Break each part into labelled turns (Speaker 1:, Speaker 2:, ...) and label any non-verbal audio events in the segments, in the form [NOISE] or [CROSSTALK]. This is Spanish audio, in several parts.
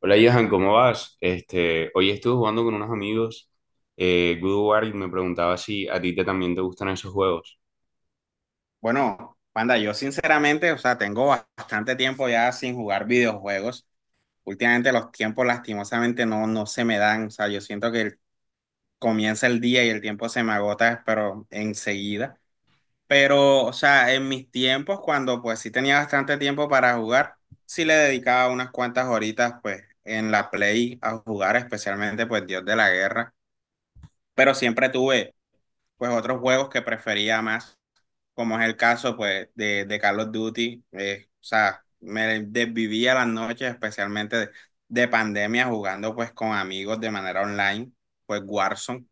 Speaker 1: Hola, Johan, ¿cómo vas? Este, hoy estuve jugando con unos amigos Good War y me preguntaba si a ti también te gustan esos juegos.
Speaker 2: Bueno, Panda, yo sinceramente, tengo bastante tiempo ya sin jugar videojuegos. Últimamente los tiempos lastimosamente no se me dan. O sea, yo siento que comienza el día y el tiempo se me agota, pero enseguida. Pero, o sea, en mis tiempos, cuando pues sí tenía bastante tiempo para jugar, sí le dedicaba unas cuantas horitas pues en la Play a jugar, especialmente pues Dios de la Guerra. Pero siempre tuve pues otros juegos que prefería más, como es el caso pues de Call of Duty. O sea, me desvivía las noches, especialmente de pandemia, jugando pues con amigos de manera online, pues Warzone.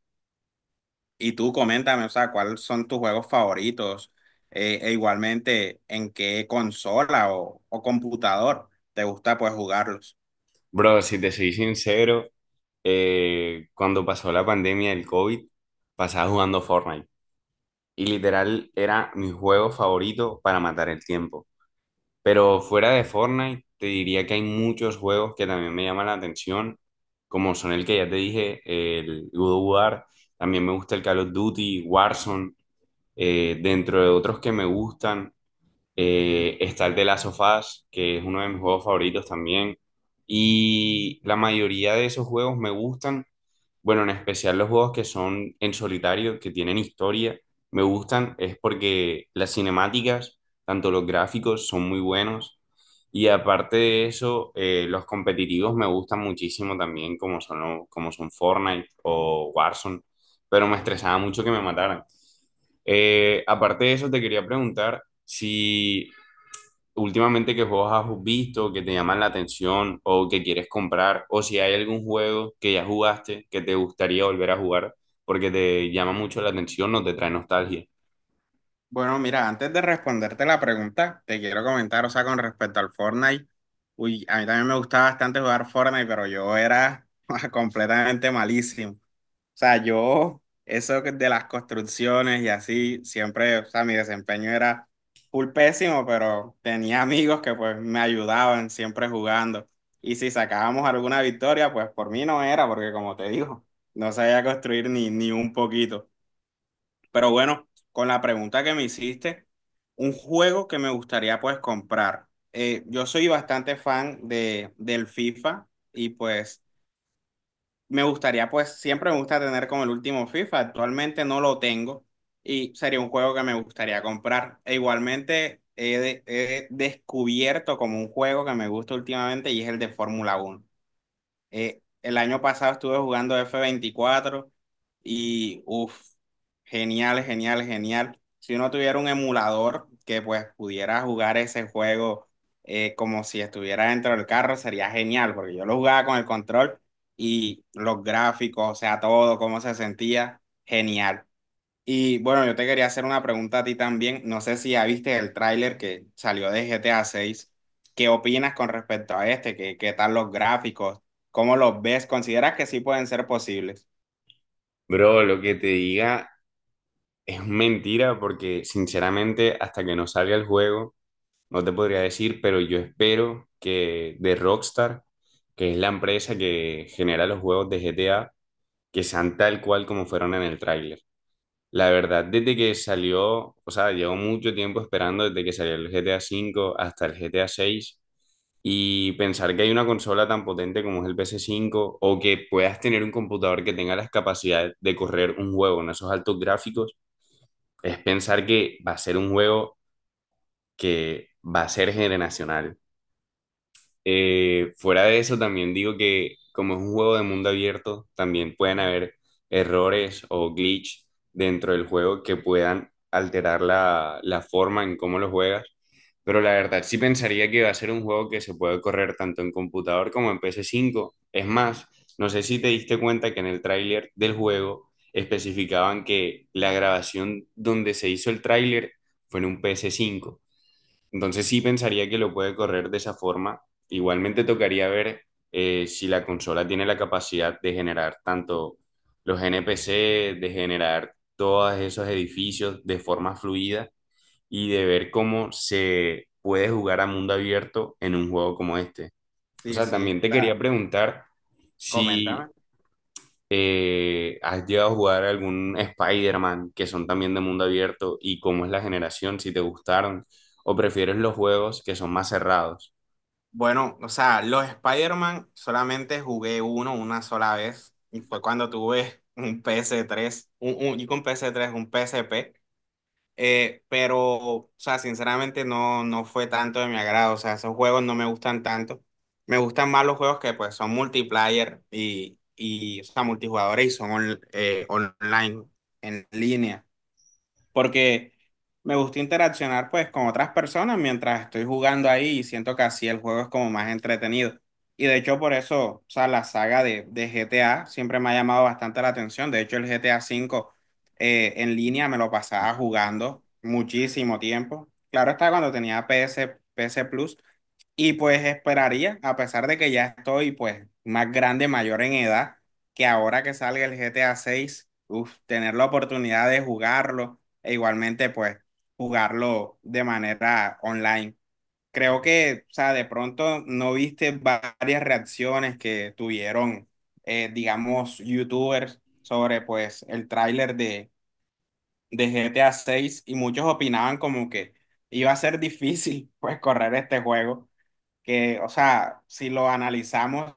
Speaker 2: Y tú coméntame, o sea, ¿cuáles son tus juegos favoritos? E igualmente, ¿en qué consola o computador te gusta pues jugarlos?
Speaker 1: Bro, si te soy sincero, cuando pasó la pandemia del COVID, pasaba jugando Fortnite y literal era mi juego favorito para matar el tiempo. Pero fuera de Fortnite, te diría que hay muchos juegos que también me llaman la atención, como son el que ya te dije, el Good War, también me gusta el Call of Duty, Warzone. Dentro de otros que me gustan, está el de Last of Us, que es uno de mis juegos favoritos también. Y la mayoría de esos juegos me gustan. Bueno, en especial los juegos que son en solitario, que tienen historia, me gustan. Es porque las cinemáticas, tanto los gráficos, son muy buenos. Y aparte de eso, los competitivos me gustan muchísimo también, como son, como son Fortnite o Warzone. Pero me estresaba mucho que me mataran. Aparte de eso, te quería preguntar, si últimamente qué juegos has visto que te llaman la atención o que quieres comprar, o si hay algún juego que ya jugaste que te gustaría volver a jugar porque te llama mucho la atención o te trae nostalgia.
Speaker 2: Bueno, mira, antes de responderte la pregunta, te quiero comentar, o sea, con respecto al Fortnite, uy, a mí también me gustaba bastante jugar Fortnite, pero yo era [LAUGHS] completamente malísimo. O sea, eso que de las construcciones y así, siempre, o sea, mi desempeño era full pésimo, pero tenía amigos que pues me ayudaban siempre jugando. Y si sacábamos alguna victoria, pues por mí no era, porque como te digo, no sabía construir ni un poquito. Pero bueno, con la pregunta que me hiciste, un juego que me gustaría pues comprar. Yo soy bastante fan del FIFA y pues me gustaría pues siempre me gusta tener como el último FIFA. Actualmente no lo tengo y sería un juego que me gustaría comprar. E igualmente he descubierto como un juego que me gusta últimamente y es el de Fórmula Uno. El año pasado estuve jugando F24 y uff, genial, genial, genial. Si uno tuviera un emulador que pues pudiera jugar ese juego como si estuviera dentro del carro, sería genial, porque yo lo jugaba con el control y los gráficos, o sea, todo, cómo se sentía, genial. Y bueno, yo te quería hacer una pregunta a ti también. No sé si ya viste el tráiler que salió de GTA 6. ¿Qué opinas con respecto a este? ¿Qué, qué tal los gráficos? ¿Cómo los ves? ¿Consideras que sí pueden ser posibles?
Speaker 1: Bro, lo que te diga es mentira porque sinceramente hasta que no salga el juego no te podría decir, pero yo espero que de Rockstar, que es la empresa que genera los juegos de GTA, que sean tal cual como fueron en el tráiler. La verdad, desde que salió, o sea, llevo mucho tiempo esperando desde que salió el GTA V hasta el GTA seis y pensar que hay una consola tan potente como es el ps cinco o que puedas tener un computador que tenga las capacidades de correr un juego en esos altos gráficos, es pensar que va a ser un juego que va a ser generacional. Fuera de eso, también digo que como es un juego de mundo abierto, también pueden haber errores o glitch dentro del juego que puedan alterar la forma en cómo lo juegas. Pero la verdad, sí pensaría que va a ser un juego que se puede correr tanto en computador como en ps cinco. Es más, no sé si te diste cuenta que en el tráiler del juego especificaban que la grabación donde se hizo el tráiler fue en un ps cinco, entonces sí pensaría que lo puede correr de esa forma. Igualmente tocaría ver si la consola tiene la capacidad de generar tanto los NPC, de generar todos esos edificios de forma fluida y de ver cómo se puede jugar a mundo abierto en un juego como este. O
Speaker 2: Sí,
Speaker 1: sea, también
Speaker 2: sí.
Speaker 1: te quería preguntar
Speaker 2: Coméntame.
Speaker 1: si ¿has llegado a jugar algún Spider-Man que son también de mundo abierto y cómo es la generación, si te gustaron o prefieres los juegos que son más cerrados?
Speaker 2: Bueno, o sea, los Spider-Man solamente jugué uno una sola vez y fue cuando tuve un PS3 y con PS3 un PSP. Pero, o sea, sinceramente no fue tanto de mi agrado. O sea, esos juegos no me gustan tanto. Me gustan más los juegos que pues son multiplayer y o sea, multijugadores y son online, en línea, porque me gusta interaccionar pues con otras personas mientras estoy jugando ahí y siento que así el juego es como más entretenido. Y de hecho por eso, o sea, la saga de GTA siempre me ha llamado bastante la atención. De hecho el GTA 5 en línea me lo pasaba jugando muchísimo tiempo. Claro está cuando tenía PS Plus, y pues esperaría, a pesar de que ya estoy pues más grande, mayor en edad, que ahora que salga el GTA 6, uf, tener la oportunidad de jugarlo e igualmente pues jugarlo de manera online. Creo que, o sea, de pronto no viste varias reacciones que tuvieron, digamos, youtubers sobre pues el tráiler de GTA 6 y muchos opinaban como que iba a ser difícil [LAUGHS] pues correr este juego que, o sea, si lo analizamos,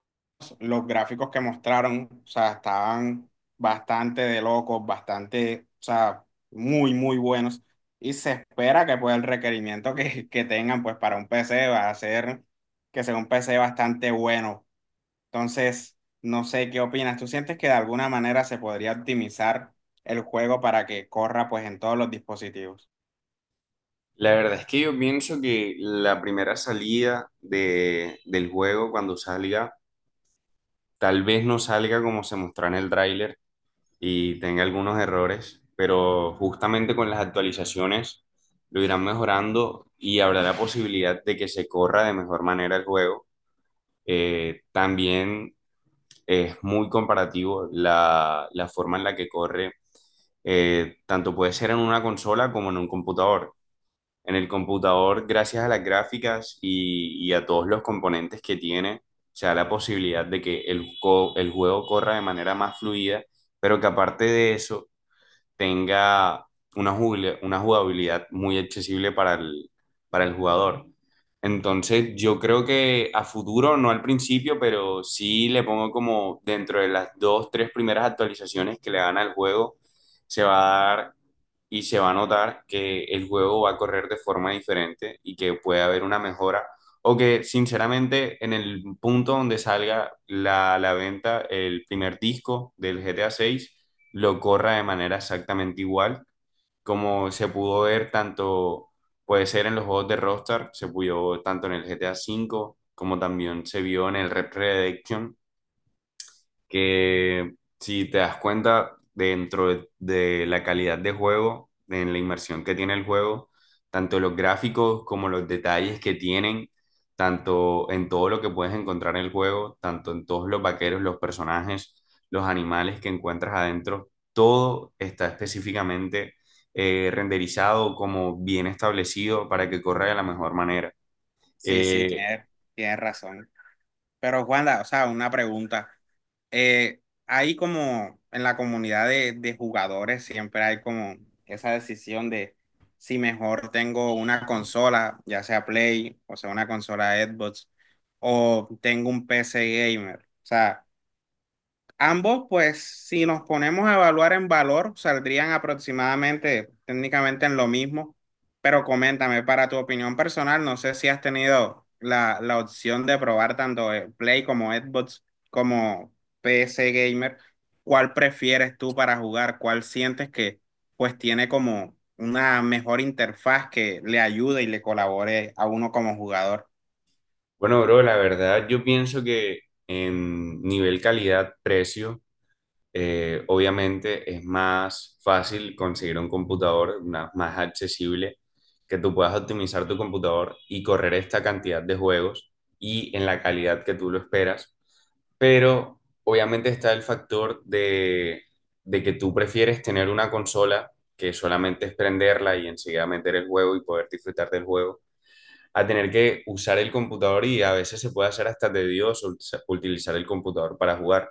Speaker 2: los gráficos que mostraron, o sea, estaban bastante de locos, bastante, o sea, muy, muy buenos. Y se espera que pues el requerimiento que tengan pues para un PC va a ser que sea un PC bastante bueno. Entonces, no sé qué opinas. ¿Tú sientes que de alguna manera se podría optimizar el juego para que corra pues en todos los dispositivos?
Speaker 1: La verdad es que yo pienso que la primera salida del juego cuando salga, tal vez no salga como se mostró en el tráiler y tenga algunos errores, pero justamente con las actualizaciones lo irán mejorando y habrá la posibilidad de que se corra de mejor manera el juego. También es muy comparativo la forma en la que corre, tanto puede ser en una consola como en un computador. En el computador, gracias a las gráficas y a todos los componentes que tiene, se da la posibilidad de que el juego corra de manera más fluida, pero que aparte de eso, tenga una jugabilidad muy accesible para el jugador. Entonces, yo creo que a futuro, no al principio, pero sí le pongo como dentro de las dos, tres primeras actualizaciones que le dan al juego, se va a dar y se va a notar que el juego va a correr de forma diferente y que puede haber una mejora. O que sinceramente en el punto donde salga la venta el primer disco del GTA 6, lo corra de manera exactamente igual, como se pudo ver tanto, puede ser en los juegos de Rockstar, se pudo tanto en el GTA cinco como también se vio en el Red Redemption, que si te das cuenta dentro de la calidad de juego, en la inmersión que tiene el juego, tanto los gráficos como los detalles que tienen, tanto en todo lo que puedes encontrar en el juego, tanto en todos los vaqueros, los personajes, los animales que encuentras adentro, todo está específicamente renderizado como bien establecido para que corra de la mejor manera.
Speaker 2: Sí, sí,
Speaker 1: Eh,
Speaker 2: tienes razón. Pero Juanda, o sea, una pregunta. Hay como en la comunidad de jugadores siempre hay como esa decisión de si mejor tengo una consola, ya sea Play, o sea, una consola Xbox, o tengo un PC gamer. O sea, ambos, pues, si nos ponemos a evaluar en valor, saldrían aproximadamente técnicamente en lo mismo, pero coméntame, para tu opinión personal, no sé si has tenido la opción de probar tanto Play como Xbox como PC Gamer, ¿cuál prefieres tú para jugar? ¿Cuál sientes que pues tiene como una mejor interfaz que le ayude y le colabore a uno como jugador?
Speaker 1: Bueno, bro, la verdad yo pienso que en nivel calidad-precio, obviamente es más fácil conseguir un computador más accesible, que tú puedas optimizar tu computador y correr esta cantidad de juegos y en la calidad que tú lo esperas. Pero obviamente está el factor de, que tú prefieres tener una consola que solamente es prenderla y enseguida meter el juego y poder disfrutar del juego a tener que usar el computador y a veces se puede hacer hasta tedioso utilizar el computador para jugar.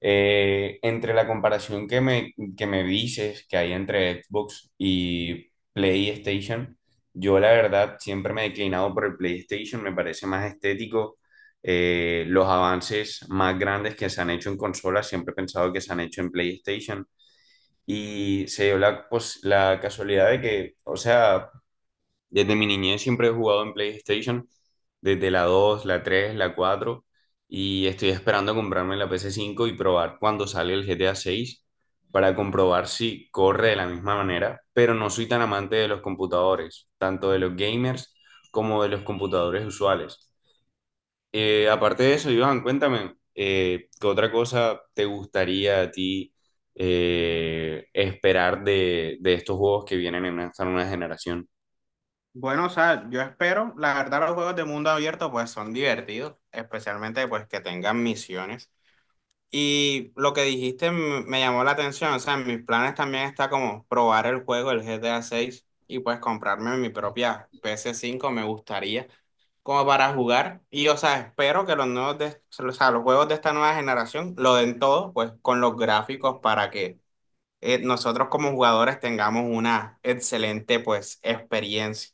Speaker 1: Entre la comparación que me dices que hay entre Xbox y PlayStation, yo la verdad siempre me he declinado por el PlayStation, me parece más estético. Los avances más grandes que se han hecho en consolas, siempre he pensado que se han hecho en PlayStation. Y se dio la, pues, la casualidad de que, o sea, desde mi niñez siempre he jugado en PlayStation, desde la 2, la 3, la 4, y estoy esperando comprarme la pc cinco y probar cuando sale el GTA seis para comprobar si corre de la misma manera, pero no soy tan amante de los computadores, tanto de los gamers como de los computadores usuales. Aparte de eso, Iván, cuéntame, ¿qué otra cosa te gustaría a ti esperar de, estos juegos que vienen en esta nueva generación?
Speaker 2: Bueno, o sea, yo espero, la verdad los juegos de mundo abierto pues son divertidos, especialmente pues que tengan misiones. Y lo que dijiste me llamó la atención, o sea, en mis planes también está como probar el juego, el GTA 6 y pues comprarme mi propia PS5, me gustaría como para jugar. Y o sea, espero que los nuevos los juegos de esta nueva generación lo den todo pues con los gráficos para que nosotros como jugadores tengamos una excelente pues experiencia.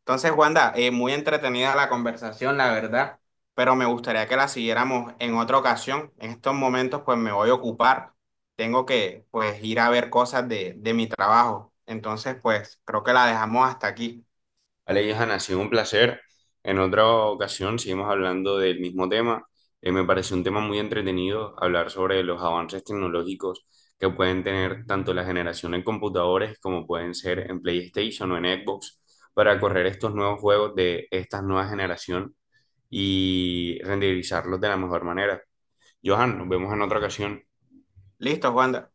Speaker 2: Entonces, Wanda, muy entretenida la conversación, la verdad, pero me gustaría que la siguiéramos en otra ocasión. En estos momentos, pues me voy a ocupar. Tengo que, pues, ir a ver cosas de mi trabajo. Entonces, pues, creo que la dejamos hasta aquí.
Speaker 1: Vale, Johan, ha sido un placer. En otra ocasión seguimos hablando del mismo tema. Me parece un tema muy entretenido hablar sobre los avances tecnológicos que pueden tener tanto la generación en computadores como pueden ser en PlayStation o en Xbox para correr estos nuevos juegos de esta nueva generación y renderizarlos de la mejor manera. Johan, nos vemos en otra ocasión.
Speaker 2: Listo, Wanda.